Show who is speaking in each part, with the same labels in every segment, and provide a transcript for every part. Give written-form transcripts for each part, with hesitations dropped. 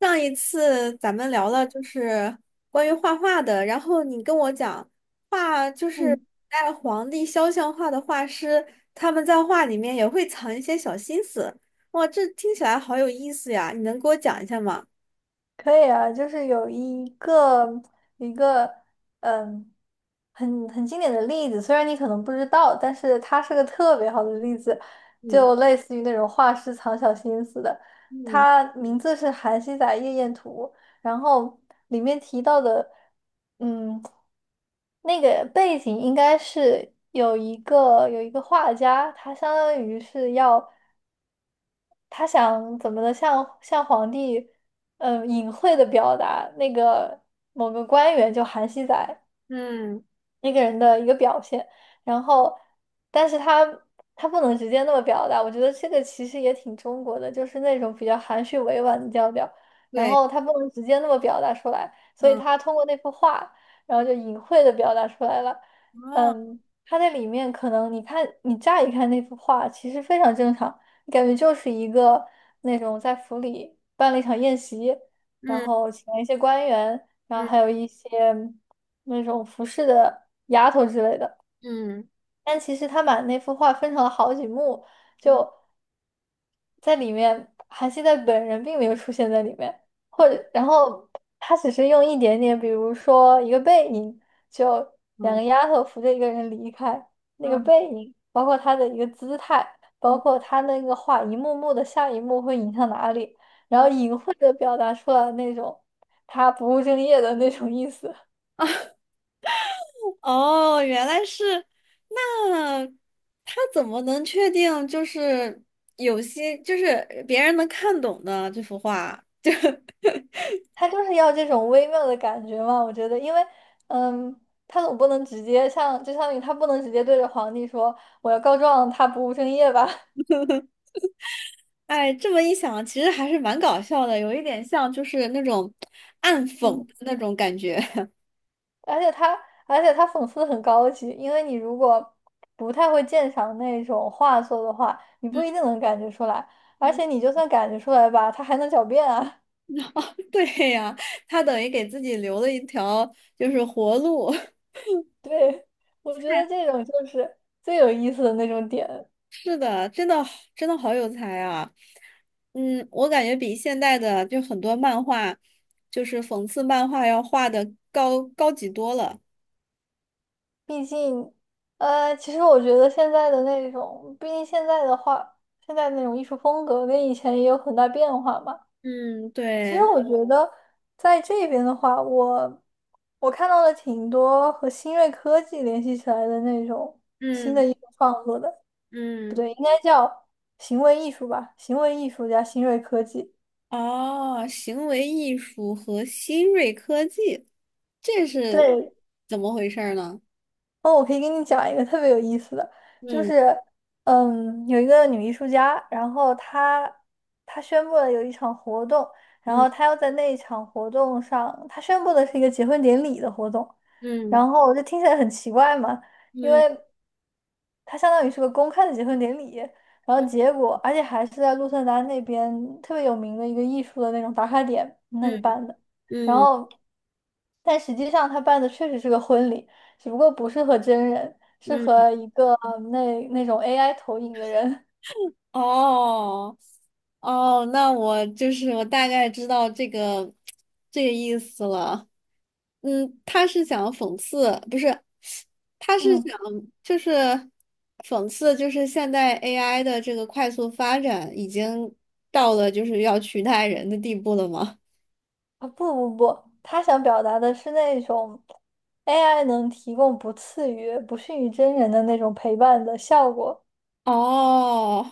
Speaker 1: 上一次咱们聊了关于画画的，然后你跟我讲画古
Speaker 2: 嗯，
Speaker 1: 代皇帝肖像画的画师，他们在画里面也会藏一些小心思。哇，这听起来好有意思呀！你能给我讲一下吗？
Speaker 2: 可以啊，就是有一个嗯，很经典的例子，虽然你可能不知道，但是它是个特别好的例子，
Speaker 1: 嗯
Speaker 2: 就类似于那种画师藏小心思的。
Speaker 1: 嗯
Speaker 2: 它名字是《韩熙载夜宴图》，然后里面提到的，嗯，那个背景应该是有一个画家，他相当于是要。他想怎么的向皇帝，隐晦的表达那个某个官员叫韩熙载，
Speaker 1: 嗯，
Speaker 2: 一个人的一个表现，然后，但是他不能直接那么表达，我觉得这个其实也挺中国的，就是那种比较含蓄委婉的调调，然
Speaker 1: 对，
Speaker 2: 后他不能直接那么表达出来，所以
Speaker 1: 嗯，
Speaker 2: 他通过那幅画，然后就隐晦的表达出来了。
Speaker 1: 哦，
Speaker 2: 他在里面可能你看你乍一看那幅画，其实非常正常，你感觉就是一个那种在府里办了一场宴席，然
Speaker 1: 嗯
Speaker 2: 后请了一些官员。然后还
Speaker 1: 嗯
Speaker 2: 有一些那种服饰的丫头之类的。
Speaker 1: 嗯
Speaker 2: 但其实他把那幅画分成了好几幕，
Speaker 1: 嗯
Speaker 2: 就在里面，韩熙载本人并没有出现在里面，或者然后他只是用一点点，比如说一个背影，就两
Speaker 1: 嗯
Speaker 2: 个丫头扶着一个人离开，那个
Speaker 1: 嗯
Speaker 2: 背影，包括他的一个姿态，包
Speaker 1: 嗯，
Speaker 2: 括他那个画一幕幕的下一幕会引向哪里，然后
Speaker 1: 哦
Speaker 2: 隐 晦的表达出了那种他不务正业的那种意思。
Speaker 1: 哦，原来是，那他怎么能确定有些别人能看懂的这幅画？
Speaker 2: 他就是要这种微妙的感觉嘛，我觉得，因为，嗯，他总不能直接像，就相当于他不能直接对着皇帝说我要告状，他不务正业吧，
Speaker 1: 哎，这么一想，其实还是蛮搞笑的，有一点像那种 暗讽
Speaker 2: 嗯，
Speaker 1: 的那种感觉。
Speaker 2: 而且他，而且他讽刺的很高级，因为你如果不太会鉴赏那种画作的话，你 不一定
Speaker 1: 嗯
Speaker 2: 能感觉出来，而且
Speaker 1: 嗯，
Speaker 2: 你就算感觉出来吧，他还能狡辩啊，
Speaker 1: 对呀，他等于给自己留了一条活路。
Speaker 2: 对，我觉得这种就是最有意思的那种点。
Speaker 1: 是的，真的好有才啊！嗯，我感觉比现代的很多漫画，讽刺漫画要画的高级多了。
Speaker 2: 毕竟，其实我觉得现在的那种，毕竟现在的话，现在那种艺术风格跟以前也有很大变化嘛。
Speaker 1: 嗯，
Speaker 2: 其实
Speaker 1: 对，
Speaker 2: 我觉得在这边的话，我看到了挺多和新锐科技联系起来的那种新的
Speaker 1: 嗯
Speaker 2: 艺术创作的，不
Speaker 1: 嗯，
Speaker 2: 对，应该叫行为艺术吧，行为艺术家、新锐科技。
Speaker 1: 哦，行为艺术和新锐科技，这是
Speaker 2: 对，
Speaker 1: 怎么回事儿呢？
Speaker 2: 哦，我可以给你讲一个特别有意思的，就
Speaker 1: 嗯
Speaker 2: 是，有一个女艺术家，然后她宣布了有一场活动，然
Speaker 1: 嗯
Speaker 2: 后她要在那一场活动上，她宣布的是一个结婚典礼的活动，
Speaker 1: 嗯
Speaker 2: 然后我就听起来很奇怪嘛，因
Speaker 1: 嗯
Speaker 2: 为它相当于是个公开的结婚典礼，然后
Speaker 1: 嗯
Speaker 2: 结果而且还是在鹿特丹那边特别有名的一个艺术的那种打卡点那
Speaker 1: 嗯
Speaker 2: 里办的，然
Speaker 1: 嗯
Speaker 2: 后但实际上他办的确实是个婚礼。只不过不是和真人，是
Speaker 1: 嗯。
Speaker 2: 和一个那种 AI 投影的人。
Speaker 1: 哦哦，那我就是我大概知道这个意思了。嗯，他是想讽刺，不是，他 是
Speaker 2: 嗯，
Speaker 1: 想就是讽刺，就是现代 AI 的这个快速发展已经到了要取代人的地步了吗？
Speaker 2: 啊不不不，他想表达的是那种 AI 能提供不次于、不逊于真人的那种陪伴的效果。
Speaker 1: 哦，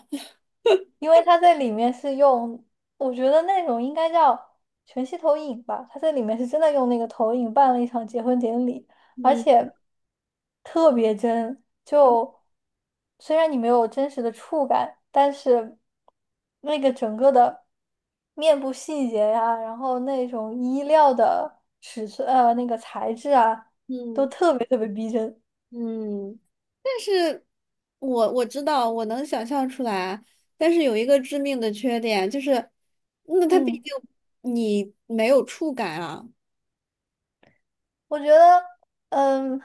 Speaker 2: 因为它在里面是用，我觉得那种应该叫全息投影吧。它在里面是真的用那个投影办了一场结婚典礼，而
Speaker 1: 嗯
Speaker 2: 且特别真。就虽然你没有真实的触感，但是那个整个的面部细节呀、然后那种衣料的尺寸，那个材质啊，
Speaker 1: 嗯
Speaker 2: 特别特别逼真。
Speaker 1: 嗯。但是我知道，我能想象出来，但是有一个致命的缺点，就是，那它毕
Speaker 2: 嗯。
Speaker 1: 竟你没有触感啊。
Speaker 2: 我觉得，嗯，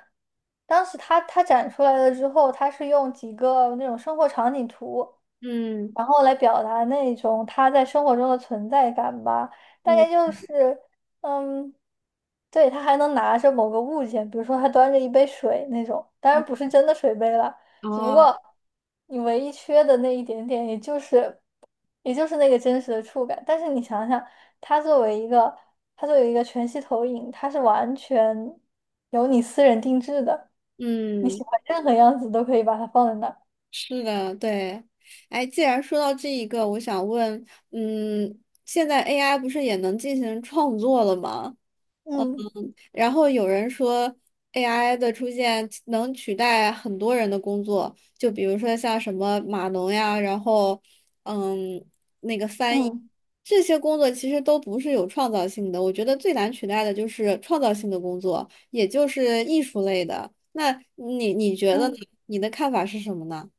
Speaker 2: 当时他展出来了之后，他是用几个那种生活场景图，
Speaker 1: 嗯
Speaker 2: 然后来表达那种他在生活中的存在感吧。大
Speaker 1: 嗯
Speaker 2: 概就是，嗯，对，他还能拿着某个物件，比如说他端着一杯水那种，当
Speaker 1: 嗯，
Speaker 2: 然不是真的水杯了，只不
Speaker 1: 哦，
Speaker 2: 过你唯一缺的那一点点，也就是。也就是那个真实的触感。但是你想想，它作为一个，它作为一个全息投影，它是完全由你私人定制的，你
Speaker 1: 嗯，
Speaker 2: 喜欢任何样子都可以把它放在那儿。
Speaker 1: 是的，对。哎，既然说到这一个，我想问，嗯，现在 AI 不是也能进行创作了吗？
Speaker 2: 嗯
Speaker 1: 然后有人说 AI 的出现能取代很多人的工作，就比如说像什么码农呀，然后嗯，那个翻译
Speaker 2: 嗯
Speaker 1: 这些工作其实都不是有创造性的。我觉得最难取代的就是创造性的工作，也就是艺术类的。那你觉得呢？
Speaker 2: 嗯，
Speaker 1: 你的看法是什么呢？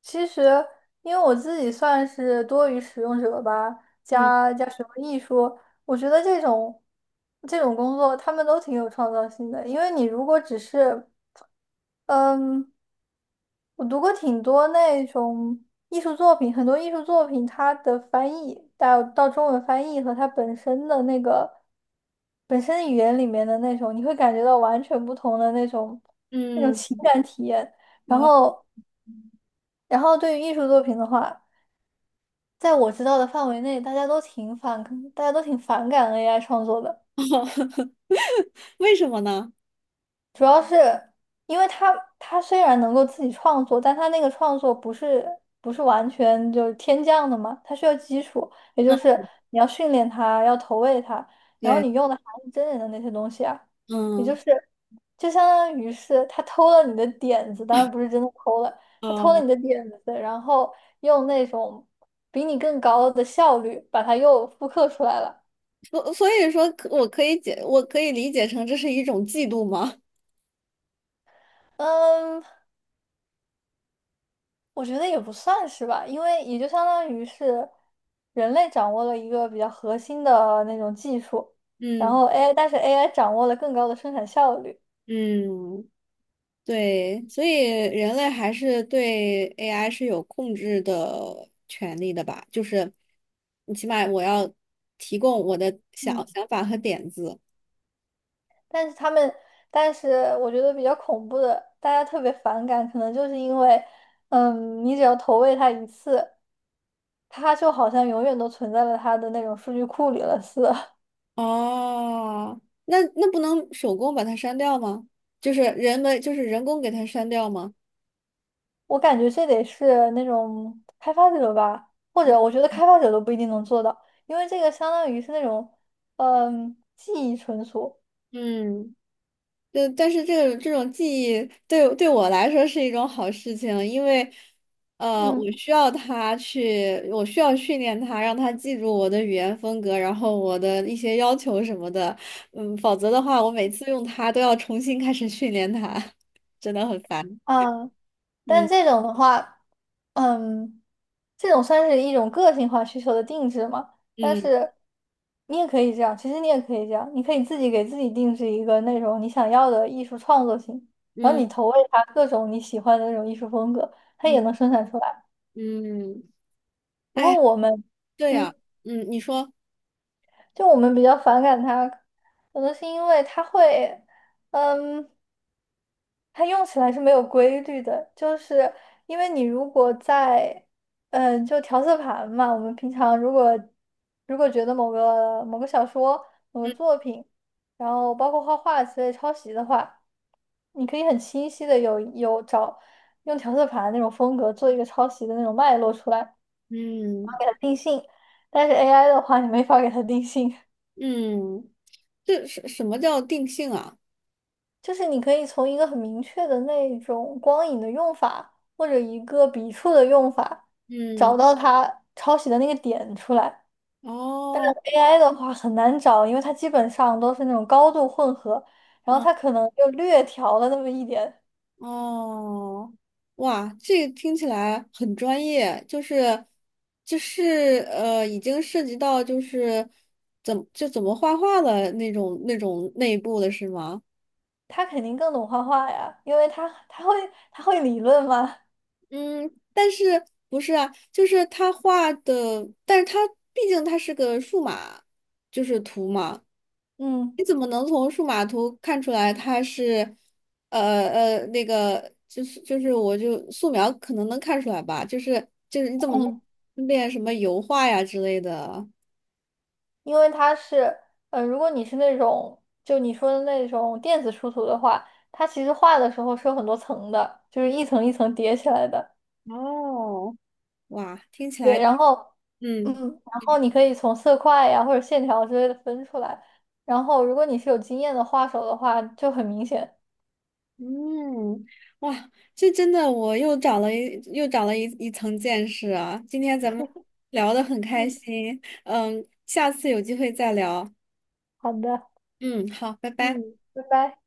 Speaker 2: 其实因为我自己算是多于使用者吧，
Speaker 1: 嗯
Speaker 2: 加什么艺术，我觉得这种工作他们都挺有创造性的，因为你如果只是嗯。我读过挺多那种艺术作品，很多艺术作品它的翻译到中文翻译和它本身的那个本身语言里面的那种，你会感觉到完全不同的那种
Speaker 1: 嗯，
Speaker 2: 情感体验。然
Speaker 1: 哦，
Speaker 2: 后，对于艺术作品的话，在我知道的范围内，大家都挺反感 AI 创作的。
Speaker 1: 为什么呢？
Speaker 2: 主要是因为他虽然能够自己创作，但他那个创作不是完全就是天降的嘛，他需要基础，也就是你要训练他，要投喂他，然后
Speaker 1: 对，
Speaker 2: 你用的还是真人的那些东西啊，也就
Speaker 1: 嗯
Speaker 2: 是就相当于是他偷了你的点子，当然不是真的偷了，他偷了
Speaker 1: 嗯。
Speaker 2: 你的点子，然后用那种比你更高的效率把它又复刻出来了。
Speaker 1: 所所以说可，我可以理解成这是一种嫉妒吗？
Speaker 2: 嗯，我觉得也不算是吧，因为也就相当于是人类掌握了一个比较核心的那种技术，然
Speaker 1: 嗯
Speaker 2: 后 AI，但是 AI 掌握了更高的生产效率。
Speaker 1: 嗯，对，所以人类还是对 AI 是有控制的权利的吧？就是你起码我要提供我的
Speaker 2: 嗯，
Speaker 1: 想法和点子，
Speaker 2: 但是他们，但是我觉得比较恐怖的，大家特别反感，可能就是因为，你只要投喂它一次，它就好像永远都存在了它的那种数据库里了似的。
Speaker 1: 哦，那那不能手工把它删掉吗？人们人工给它删掉吗？
Speaker 2: 我感觉这得是那种开发者吧，或
Speaker 1: 嗯
Speaker 2: 者我觉得开发者都不一定能做到，因为这个相当于是那种，记忆存储，
Speaker 1: 嗯。对，但是这种记忆对我来说是一种好事情，因为，
Speaker 2: 嗯，
Speaker 1: 我需要训练它，让它记住我的语言风格，然后我的一些要求什么的，嗯，否则的话，我每次用它都要重新开始训练它，真的很烦。
Speaker 2: 嗯，但
Speaker 1: 嗯
Speaker 2: 这种的话，嗯，这种算是一种个性化需求的定制嘛，但
Speaker 1: 嗯
Speaker 2: 是你也可以这样，其实你也可以这样，你可以自己给自己定制一个那种你想要的艺术创作型，然后
Speaker 1: 嗯
Speaker 2: 你投喂它各种你喜欢的那种艺术风格，它
Speaker 1: 嗯
Speaker 2: 也能生产出来。
Speaker 1: 嗯，
Speaker 2: 不过
Speaker 1: 哎，
Speaker 2: 我们。
Speaker 1: 对
Speaker 2: 嗯。
Speaker 1: 呀，嗯，你说，
Speaker 2: 就我们比较反感它，可能是因为它会，嗯，它用起来是没有规律的，就是因为你如果在，就调色盘嘛，我们平常如果觉得某个小说、某个
Speaker 1: 嗯
Speaker 2: 作品，然后包括画画之类抄袭的话，你可以很清晰的有找用调色盘那种风格做一个抄袭的那种脉络出来，
Speaker 1: 嗯
Speaker 2: 定性，但是 AI 的话，你没法给它定性。
Speaker 1: 嗯，这什么叫定性啊？
Speaker 2: 就是你可以从一个很明确的那种光影的用法，或者一个笔触的用法，找
Speaker 1: 嗯，
Speaker 2: 到它抄袭的那个点出来。
Speaker 1: 哦。
Speaker 2: AI 的话很难找，因为它基本上都是那种高度混合，然后
Speaker 1: 嗯。
Speaker 2: 它可能就略调了那么一点。
Speaker 1: 哦，哇，这个听起来很专业，已经涉及到怎么画画的那种内部的是吗？
Speaker 2: 它肯定更懂画画呀，因为它会理论吗？
Speaker 1: 嗯，但是不是啊？就是他画的，但是他毕竟他是个数码，图嘛。
Speaker 2: 嗯
Speaker 1: 你怎么能从数码图看出来它是，那个就是就是我就素描可能能看出来吧，就是就是你怎么
Speaker 2: 嗯。
Speaker 1: 能练什么油画呀之类的？
Speaker 2: 因为它是，如果你是那种就你说的那种电子出图的话，它其实画的时候是有很多层的，就是一层一层叠起来的。
Speaker 1: 哦，哇，听起
Speaker 2: 对，
Speaker 1: 来，
Speaker 2: 嗯，
Speaker 1: 嗯
Speaker 2: 然后你可以从色块呀或者线条之类的分出来。然后，如果你是有经验的画手的话，就很明显。
Speaker 1: 嗯，哇，这真的我又长了一又长了一层见识啊！今天咱们聊得很开
Speaker 2: 嗯，
Speaker 1: 心，嗯，下次有机会再聊，
Speaker 2: 好的，
Speaker 1: 嗯，好，拜拜。
Speaker 2: 嗯，拜拜。